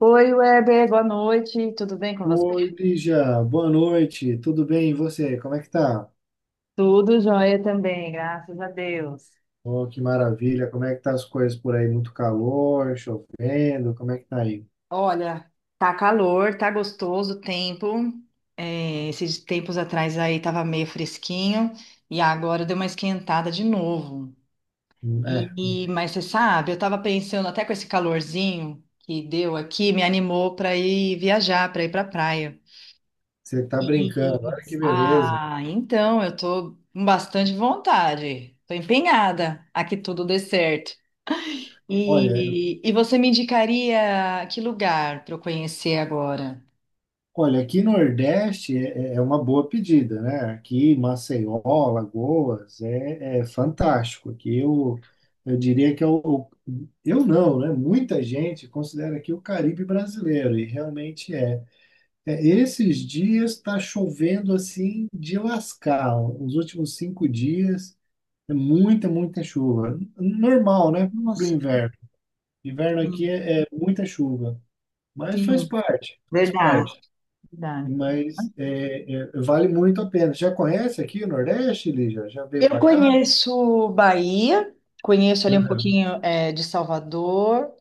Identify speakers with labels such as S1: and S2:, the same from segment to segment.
S1: Oi, Weber, boa noite. Tudo bem com você?
S2: Oi, Lígia, boa noite, tudo bem? E você, como é que tá?
S1: Tudo jóia também, graças a Deus.
S2: Oh, que maravilha, como é que tá as coisas por aí? Muito calor, chovendo, como é que tá aí?
S1: Olha, tá calor, tá gostoso o tempo. É, esses tempos atrás aí tava meio fresquinho e agora deu uma esquentada de novo.
S2: É,
S1: Mas você sabe, eu tava pensando até com esse calorzinho que deu aqui, me animou para ir viajar, para ir para praia.
S2: você tá brincando, olha que beleza.
S1: Então eu tô com bastante vontade. Tô empenhada a que tudo dê certo.
S2: Olha,
S1: E você me indicaria que lugar para eu conhecer agora?
S2: olha, aqui no Nordeste é uma boa pedida, né? Aqui, Maceió, Lagoas, é fantástico. Aqui eu diria que é o, eu não, né? Muita gente considera aqui o Caribe brasileiro, e realmente é. É, esses dias está chovendo assim de lascar. Os últimos 5 dias é muita, muita chuva. Normal, né? Para o
S1: Nossa,
S2: inverno. Inverno aqui
S1: sim,
S2: é muita chuva, mas faz
S1: sim,
S2: parte, faz
S1: verdade,
S2: parte.
S1: verdade.
S2: Mas vale muito a pena. Já conhece aqui o Nordeste, Lígia? Já veio
S1: Eu
S2: para cá?
S1: conheço Bahia, conheço ali um
S2: Aham.
S1: pouquinho de Salvador.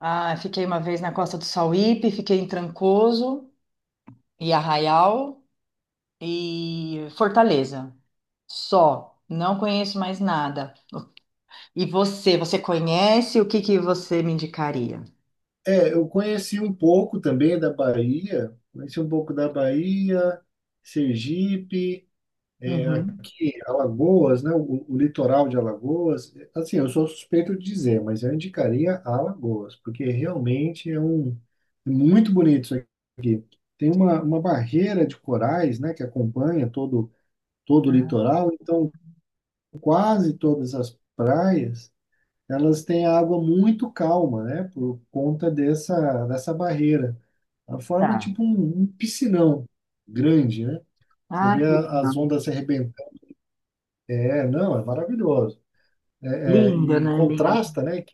S1: Ah, fiquei uma vez na Costa do Sauípe, fiquei em Trancoso e Arraial e Fortaleza. Só, não conheço mais nada. E você conhece? O que que você me indicaria?
S2: É, eu conheci um pouco também da Bahia. Conheci um pouco da Bahia, Sergipe.
S1: Uhum,
S2: E Alagoas, né? O litoral de Alagoas, assim, eu sou suspeito de dizer, mas eu indicaria Alagoas, porque realmente é muito bonito isso aqui. Tem uma barreira de corais, né, que acompanha todo o litoral, então quase todas as praias, elas têm água muito calma, né, por conta dessa barreira. Ela forma
S1: tá.
S2: tipo um piscinão grande, né? Você
S1: Ah,
S2: vê
S1: que
S2: as
S1: legal.
S2: ondas se arrebentando. É, não, é maravilhoso. É, é,
S1: Linda,
S2: e
S1: né? Linda.
S2: contrasta, né,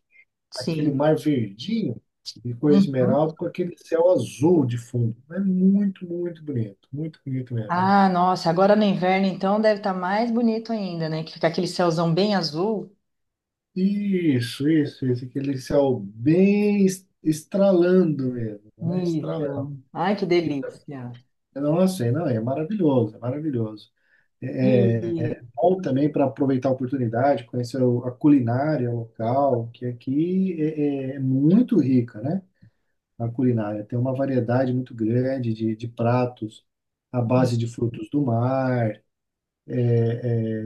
S2: aquele
S1: Sim.
S2: mar verdinho de cor
S1: Uhum.
S2: esmeralda com aquele céu azul de fundo. É muito, muito bonito mesmo.
S1: Ah, nossa, agora no inverno então deve estar mais bonito ainda, né? Que fica aquele céuzão bem azul.
S2: Isso, aquele céu bem estralando mesmo, né? Estralando.
S1: Isso. Ai, que
S2: Fica-
S1: delícia.
S2: Nossa, não, é maravilhoso, é maravilhoso. É
S1: E
S2: bom também para aproveitar a oportunidade, conhecer a culinária local, que aqui é muito rica, né? A culinária. Tem uma variedade muito grande de pratos à base de frutos do mar, é,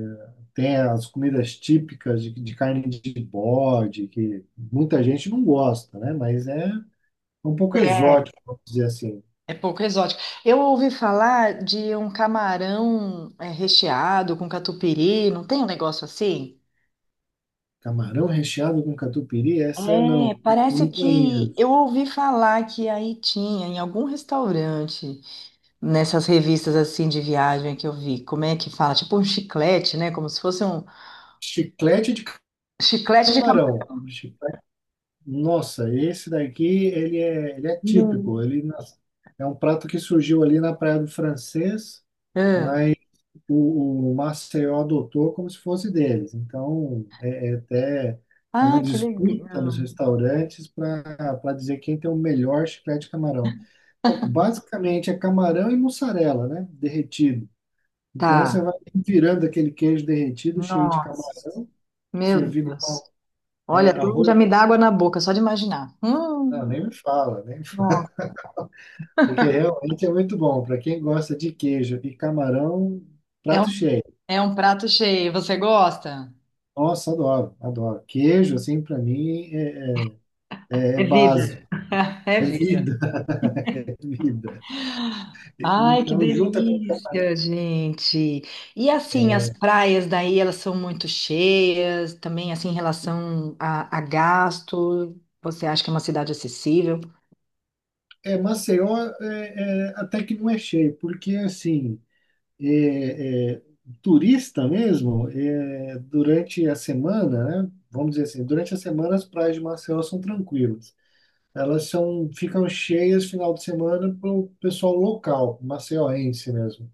S2: tem as comidas típicas de carne de bode, que muita gente não gosta, né? Mas é um pouco
S1: é,
S2: exótico, vamos dizer assim.
S1: é pouco exótico. Eu ouvi falar de um camarão é, recheado com catupiry, não tem um negócio assim?
S2: Camarão recheado com catupiry, essa não,
S1: É,
S2: eu
S1: parece
S2: não
S1: que
S2: conheço.
S1: eu ouvi falar que aí tinha em algum restaurante, nessas revistas assim de viagem que eu vi. Como é que fala? Tipo um chiclete, né? Como se fosse um
S2: Chiclete de
S1: chiclete de
S2: camarão.
S1: camarão.
S2: Nossa, esse daqui ele é típico.
S1: Hum.
S2: É um prato que surgiu ali na Praia do Francês,
S1: É.
S2: mas o Maceió adotou como se fosse deles. Então, até é uma
S1: Ah, que
S2: disputa nos
S1: legal.
S2: restaurantes para dizer quem tem o melhor chiclete de camarão. Bom, basicamente é camarão e mussarela, né? Derretido. Então você
S1: Tá.
S2: vai virando aquele queijo derretido cheio de
S1: Nossa.
S2: camarão,
S1: Meu
S2: servido
S1: Deus.
S2: com
S1: Olha, até
S2: arroz.
S1: já me dá água na boca só de imaginar.
S2: Não,
S1: Hum.
S2: nem me fala, nem me fala.
S1: Nossa.
S2: Porque realmente é muito bom. Para quem gosta de queijo e camarão,
S1: É
S2: prato
S1: um,
S2: cheio.
S1: é um prato cheio. Você gosta?
S2: Nossa, adoro, adoro. Queijo, assim, para mim, é é
S1: É
S2: é
S1: vida.
S2: básico.
S1: É
S2: É
S1: vida.
S2: vida, é vida.
S1: Ai, que
S2: Então, junta com.
S1: delícia, gente. E assim, as praias daí, elas são muito cheias, também assim, em relação a gasto, você acha que é uma cidade acessível?
S2: É, Maceió até que não é cheio, porque, assim, é, é, turista mesmo, durante a semana, né? Vamos dizer assim, durante a semana as praias de Maceió são tranquilas. Elas ficam cheias final de semana para o pessoal local, maceioense mesmo.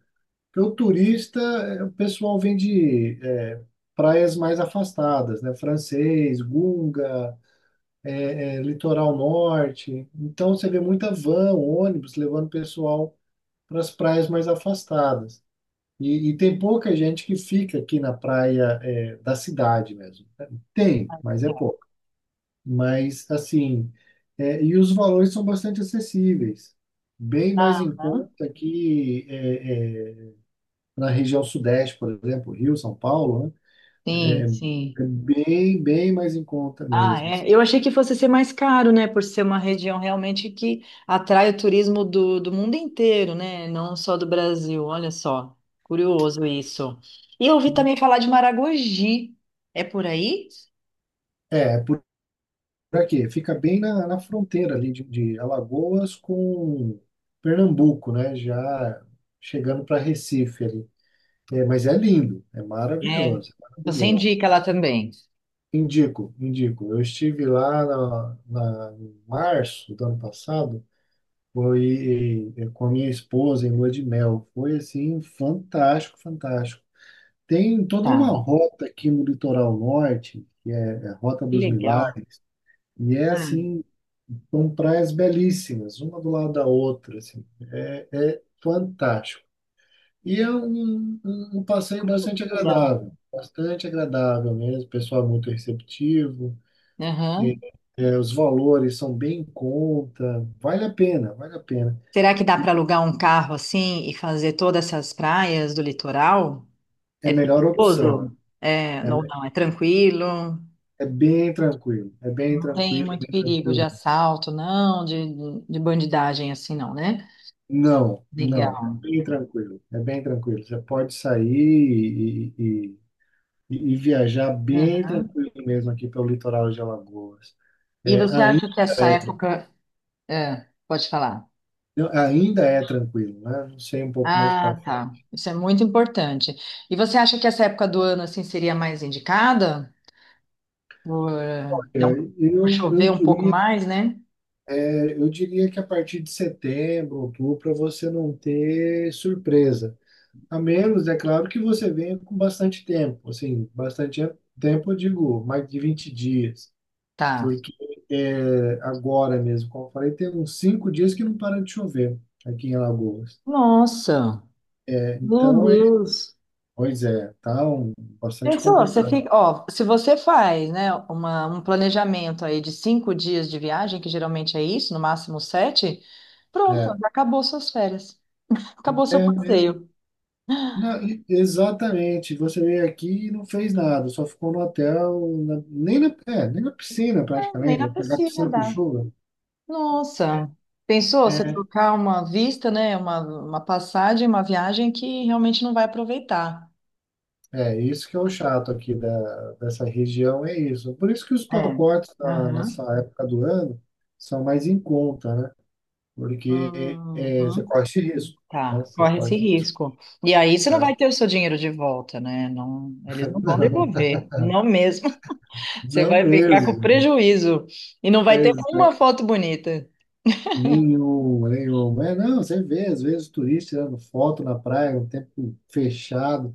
S2: Porque o turista, o pessoal vem de praias mais afastadas, né? Francês, Gunga. Litoral norte. Então você vê muita van, ônibus levando pessoal para as praias mais afastadas. E tem pouca gente que fica aqui na praia da cidade mesmo, né? Tem, mas é pouco. Mas assim, e os valores são bastante acessíveis, bem mais em
S1: Aham.
S2: conta que na região sudeste, por exemplo, Rio, São Paulo, né? É,
S1: Sim, sim.
S2: bem, bem mais em conta
S1: Ah,
S2: mesmo, assim.
S1: é. Eu achei que fosse ser mais caro, né? Por ser uma região realmente que atrai o turismo do mundo inteiro, né? Não só do Brasil. Olha só, curioso isso. E eu ouvi também falar de Maragogi. É por aí?
S2: É, por. Pra quê? Fica bem na fronteira ali de Alagoas com Pernambuco, né? Já chegando para Recife ali. É, mas é lindo, é
S1: É,
S2: maravilhoso, é
S1: então você
S2: maravilhoso.
S1: indica ela também.
S2: Indico, indico. Eu estive lá em março do ano passado, foi com a minha esposa em lua de mel. Foi assim, fantástico, fantástico. Tem toda uma
S1: Tá,
S2: rota aqui no litoral norte, que é a Rota
S1: que
S2: dos
S1: legal.
S2: Milagres. E é
S1: Ah,
S2: assim, são praias belíssimas, uma do lado da outra, assim, é fantástico. E é um passeio
S1: que legal.
S2: bastante agradável mesmo, o pessoal é muito receptivo,
S1: Aham.
S2: os valores são bem em conta, vale a pena, vale a pena.
S1: Será que dá para alugar um carro assim e fazer todas essas praias do litoral?
S2: É
S1: É
S2: a melhor opção,
S1: perigoso? É,
S2: é,
S1: não, não, é tranquilo.
S2: bem tranquilo, é bem
S1: Não tem
S2: tranquilo, é
S1: muito
S2: bem
S1: perigo de
S2: tranquilo.
S1: assalto, não, de bandidagem assim, não, né?
S2: Não, não,
S1: Legal.
S2: é bem tranquilo, é bem tranquilo. Você pode sair e viajar bem
S1: Aham.
S2: tranquilo mesmo aqui pelo litoral de Alagoas.
S1: E
S2: É,
S1: você acha que essa
S2: é, tra-
S1: época. É, pode falar.
S2: ainda é tranquilo, né? Não sei um pouco mais para
S1: Ah, tá.
S2: frente.
S1: Isso é muito importante. E você acha que essa época do ano assim seria mais indicada? Por, então,
S2: Olha,
S1: por
S2: Eu, eu
S1: chover um pouco
S2: diria,
S1: mais, né?
S2: é, eu diria que a partir de setembro, outubro, para você não ter surpresa. A menos, é claro, que você venha com bastante tempo, assim, bastante tempo, eu digo, mais de 20 dias,
S1: Tá.
S2: porque agora mesmo, como eu falei, tem uns 5 dias que não para de chover aqui em Alagoas,
S1: Nossa,
S2: né?
S1: meu
S2: Então, é,
S1: Deus.
S2: Pois é, tá bastante
S1: Pensou, você
S2: complicado.
S1: fica, ó, se você faz, né, uma, um planejamento aí de 5 dias de viagem, que geralmente é isso, no máximo sete, pronto,
S2: É,
S1: já acabou suas férias, acabou seu
S2: mesmo.
S1: passeio.
S2: Não, exatamente. Você veio aqui e não fez nada, só ficou no hotel, nem na piscina
S1: É, nem na
S2: praticamente, pegar
S1: piscina
S2: piscina com
S1: dá.
S2: chuva.
S1: Nossa, pensou você
S2: É,
S1: trocar uma vista, né, uma passagem, uma viagem que realmente não vai aproveitar.
S2: isso que é o chato aqui dessa região, é isso. Por isso que os
S1: É.
S2: pacotes nessa
S1: Aham.
S2: época do ano são mais em conta, né? Porque você
S1: Uhum.
S2: corre esse risco, né?
S1: Tá,
S2: Você
S1: corre
S2: corre
S1: esse
S2: esse risco,
S1: risco. E aí você não
S2: né?
S1: vai ter o seu dinheiro de volta, né? Não, eles não vão
S2: Não,
S1: devolver, não mesmo. Você
S2: não
S1: vai ficar com
S2: mesmo.
S1: prejuízo e não vai ter
S2: é
S1: uma foto bonita.
S2: Nenhum, nenhum. É, não, você vê, às vezes, turista tirando foto na praia, um tempo fechado,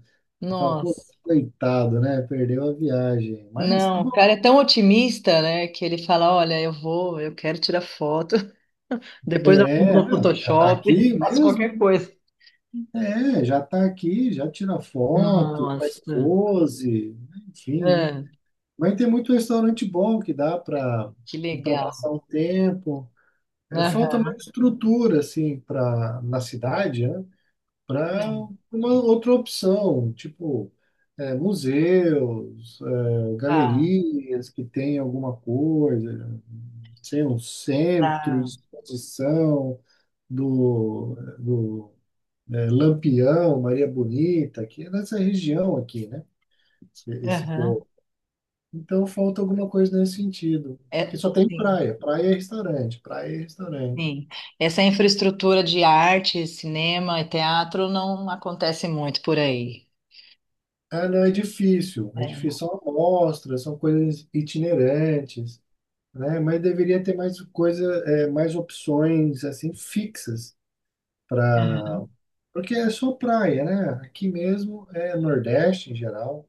S2: e fala, pô,
S1: Nossa,
S2: coitado, né? Perdeu a viagem. Mas tá
S1: não, o
S2: bom.
S1: cara é tão otimista, né, que ele fala, olha, eu vou, eu quero tirar foto, depois eu arrumo
S2: É,
S1: no
S2: não, já tá
S1: Photoshop,
S2: aqui
S1: faço qualquer
S2: mesmo?
S1: coisa.
S2: É, já tá aqui, já tira foto, faz
S1: Nossa,
S2: pose, enfim, né?
S1: ah,
S2: Mas tem muito restaurante bom que dá para
S1: que legal.
S2: passar um tempo. É, falta mais
S1: Aham.
S2: estrutura, assim, na cidade, né? Para uma outra opção, tipo museus,
S1: Ah, ah,
S2: galerias que tem alguma coisa, sei, um centro de
S1: tá.
S2: exposição do Lampião, Maria Bonita, que é nessa região aqui, né? Esse
S1: Aham.
S2: povo. Então falta alguma coisa nesse sentido. Que
S1: É,
S2: só tem
S1: sim.
S2: praia, praia e restaurante, praia e restaurante.
S1: Sim. Essa infraestrutura de arte, cinema e teatro não acontece muito por aí.
S2: Ah, não, é difícil, é
S1: É.
S2: difícil. São amostras, são coisas itinerantes, né? Mas deveria ter mais coisa, mais opções assim fixas para, porque é só praia, né? Aqui mesmo é Nordeste em geral,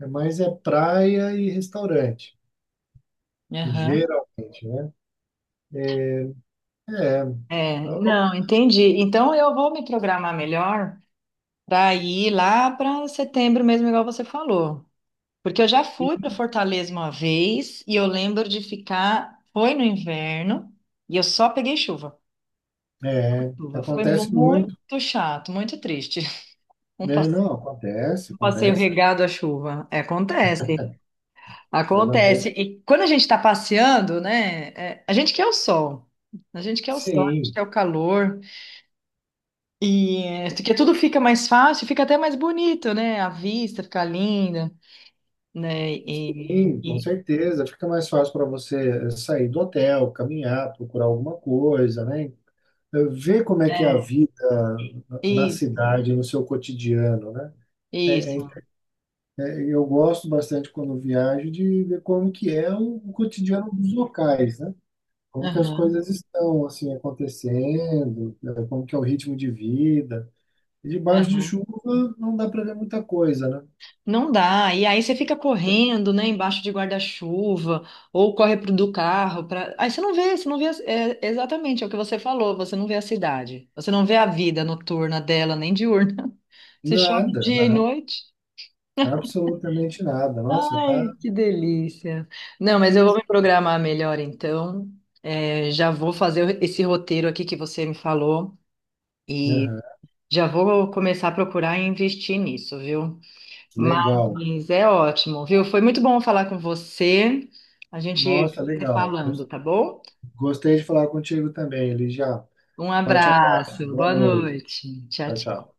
S2: é mais praia e restaurante,
S1: Aham.
S2: geralmente, né? É,
S1: É, não, entendi. Então eu vou me programar melhor para ir lá para setembro mesmo, igual você falou. Porque eu já fui para Fortaleza uma vez e eu lembro de ficar, foi no inverno e eu só peguei chuva.
S2: é,
S1: Chuva. Foi
S2: acontece muito,
S1: muito chato, muito triste. Um
S2: né?
S1: passe-
S2: Não, acontece,
S1: Um passeio
S2: acontece,
S1: regado à chuva. É, acontece. Acontece.
S2: acontece.
S1: E quando a gente está passeando, né? É, a gente quer o sol. A gente quer o sol, a gente
S2: Sim,
S1: quer o calor. E é, porque tudo fica mais fácil, fica até mais bonito, né? A vista fica linda, né?
S2: sim, com certeza. Fica mais fácil para você sair do hotel, caminhar, procurar alguma coisa, né? Ver como é que é a
S1: É,
S2: vida
S1: e-
S2: na
S1: isso,
S2: cidade, no seu cotidiano, né? É, é,
S1: isso.
S2: eu gosto bastante quando viajo de ver como que é o cotidiano dos locais, né? Como que as
S1: Aham,
S2: coisas estão assim acontecendo, né? Como que é o ritmo de vida. E
S1: é.
S2: debaixo de chuva não dá para ver muita coisa, né?
S1: Não dá. E aí você fica correndo, né, embaixo de guarda-chuva, ou corre pro do carro, pra... aí você não vê, a- é, exatamente, é o que você falou, você não vê a cidade, você não vê a vida noturna dela, nem diurna. Você chove
S2: Nada,
S1: dia e
S2: nada,
S1: noite.
S2: absolutamente nada. Nossa, tá,
S1: Ai, que delícia. Não,
S2: é,
S1: mas eu vou
S2: mas-
S1: me programar melhor então. É, já vou fazer esse roteiro aqui que você me falou e
S2: Aham,
S1: já vou começar a procurar e investir nisso, viu?
S2: Legal.
S1: Mas é ótimo, viu? Foi muito bom falar com você. A gente
S2: Nossa,
S1: vai se
S2: legal.
S1: falando, tá bom?
S2: Gostei de falar contigo também, Eli, já.
S1: Um
S2: Forte abraço,
S1: abraço,
S2: boa
S1: boa
S2: noite.
S1: noite. Tchau,
S2: Tchau,
S1: tchau.
S2: tchau.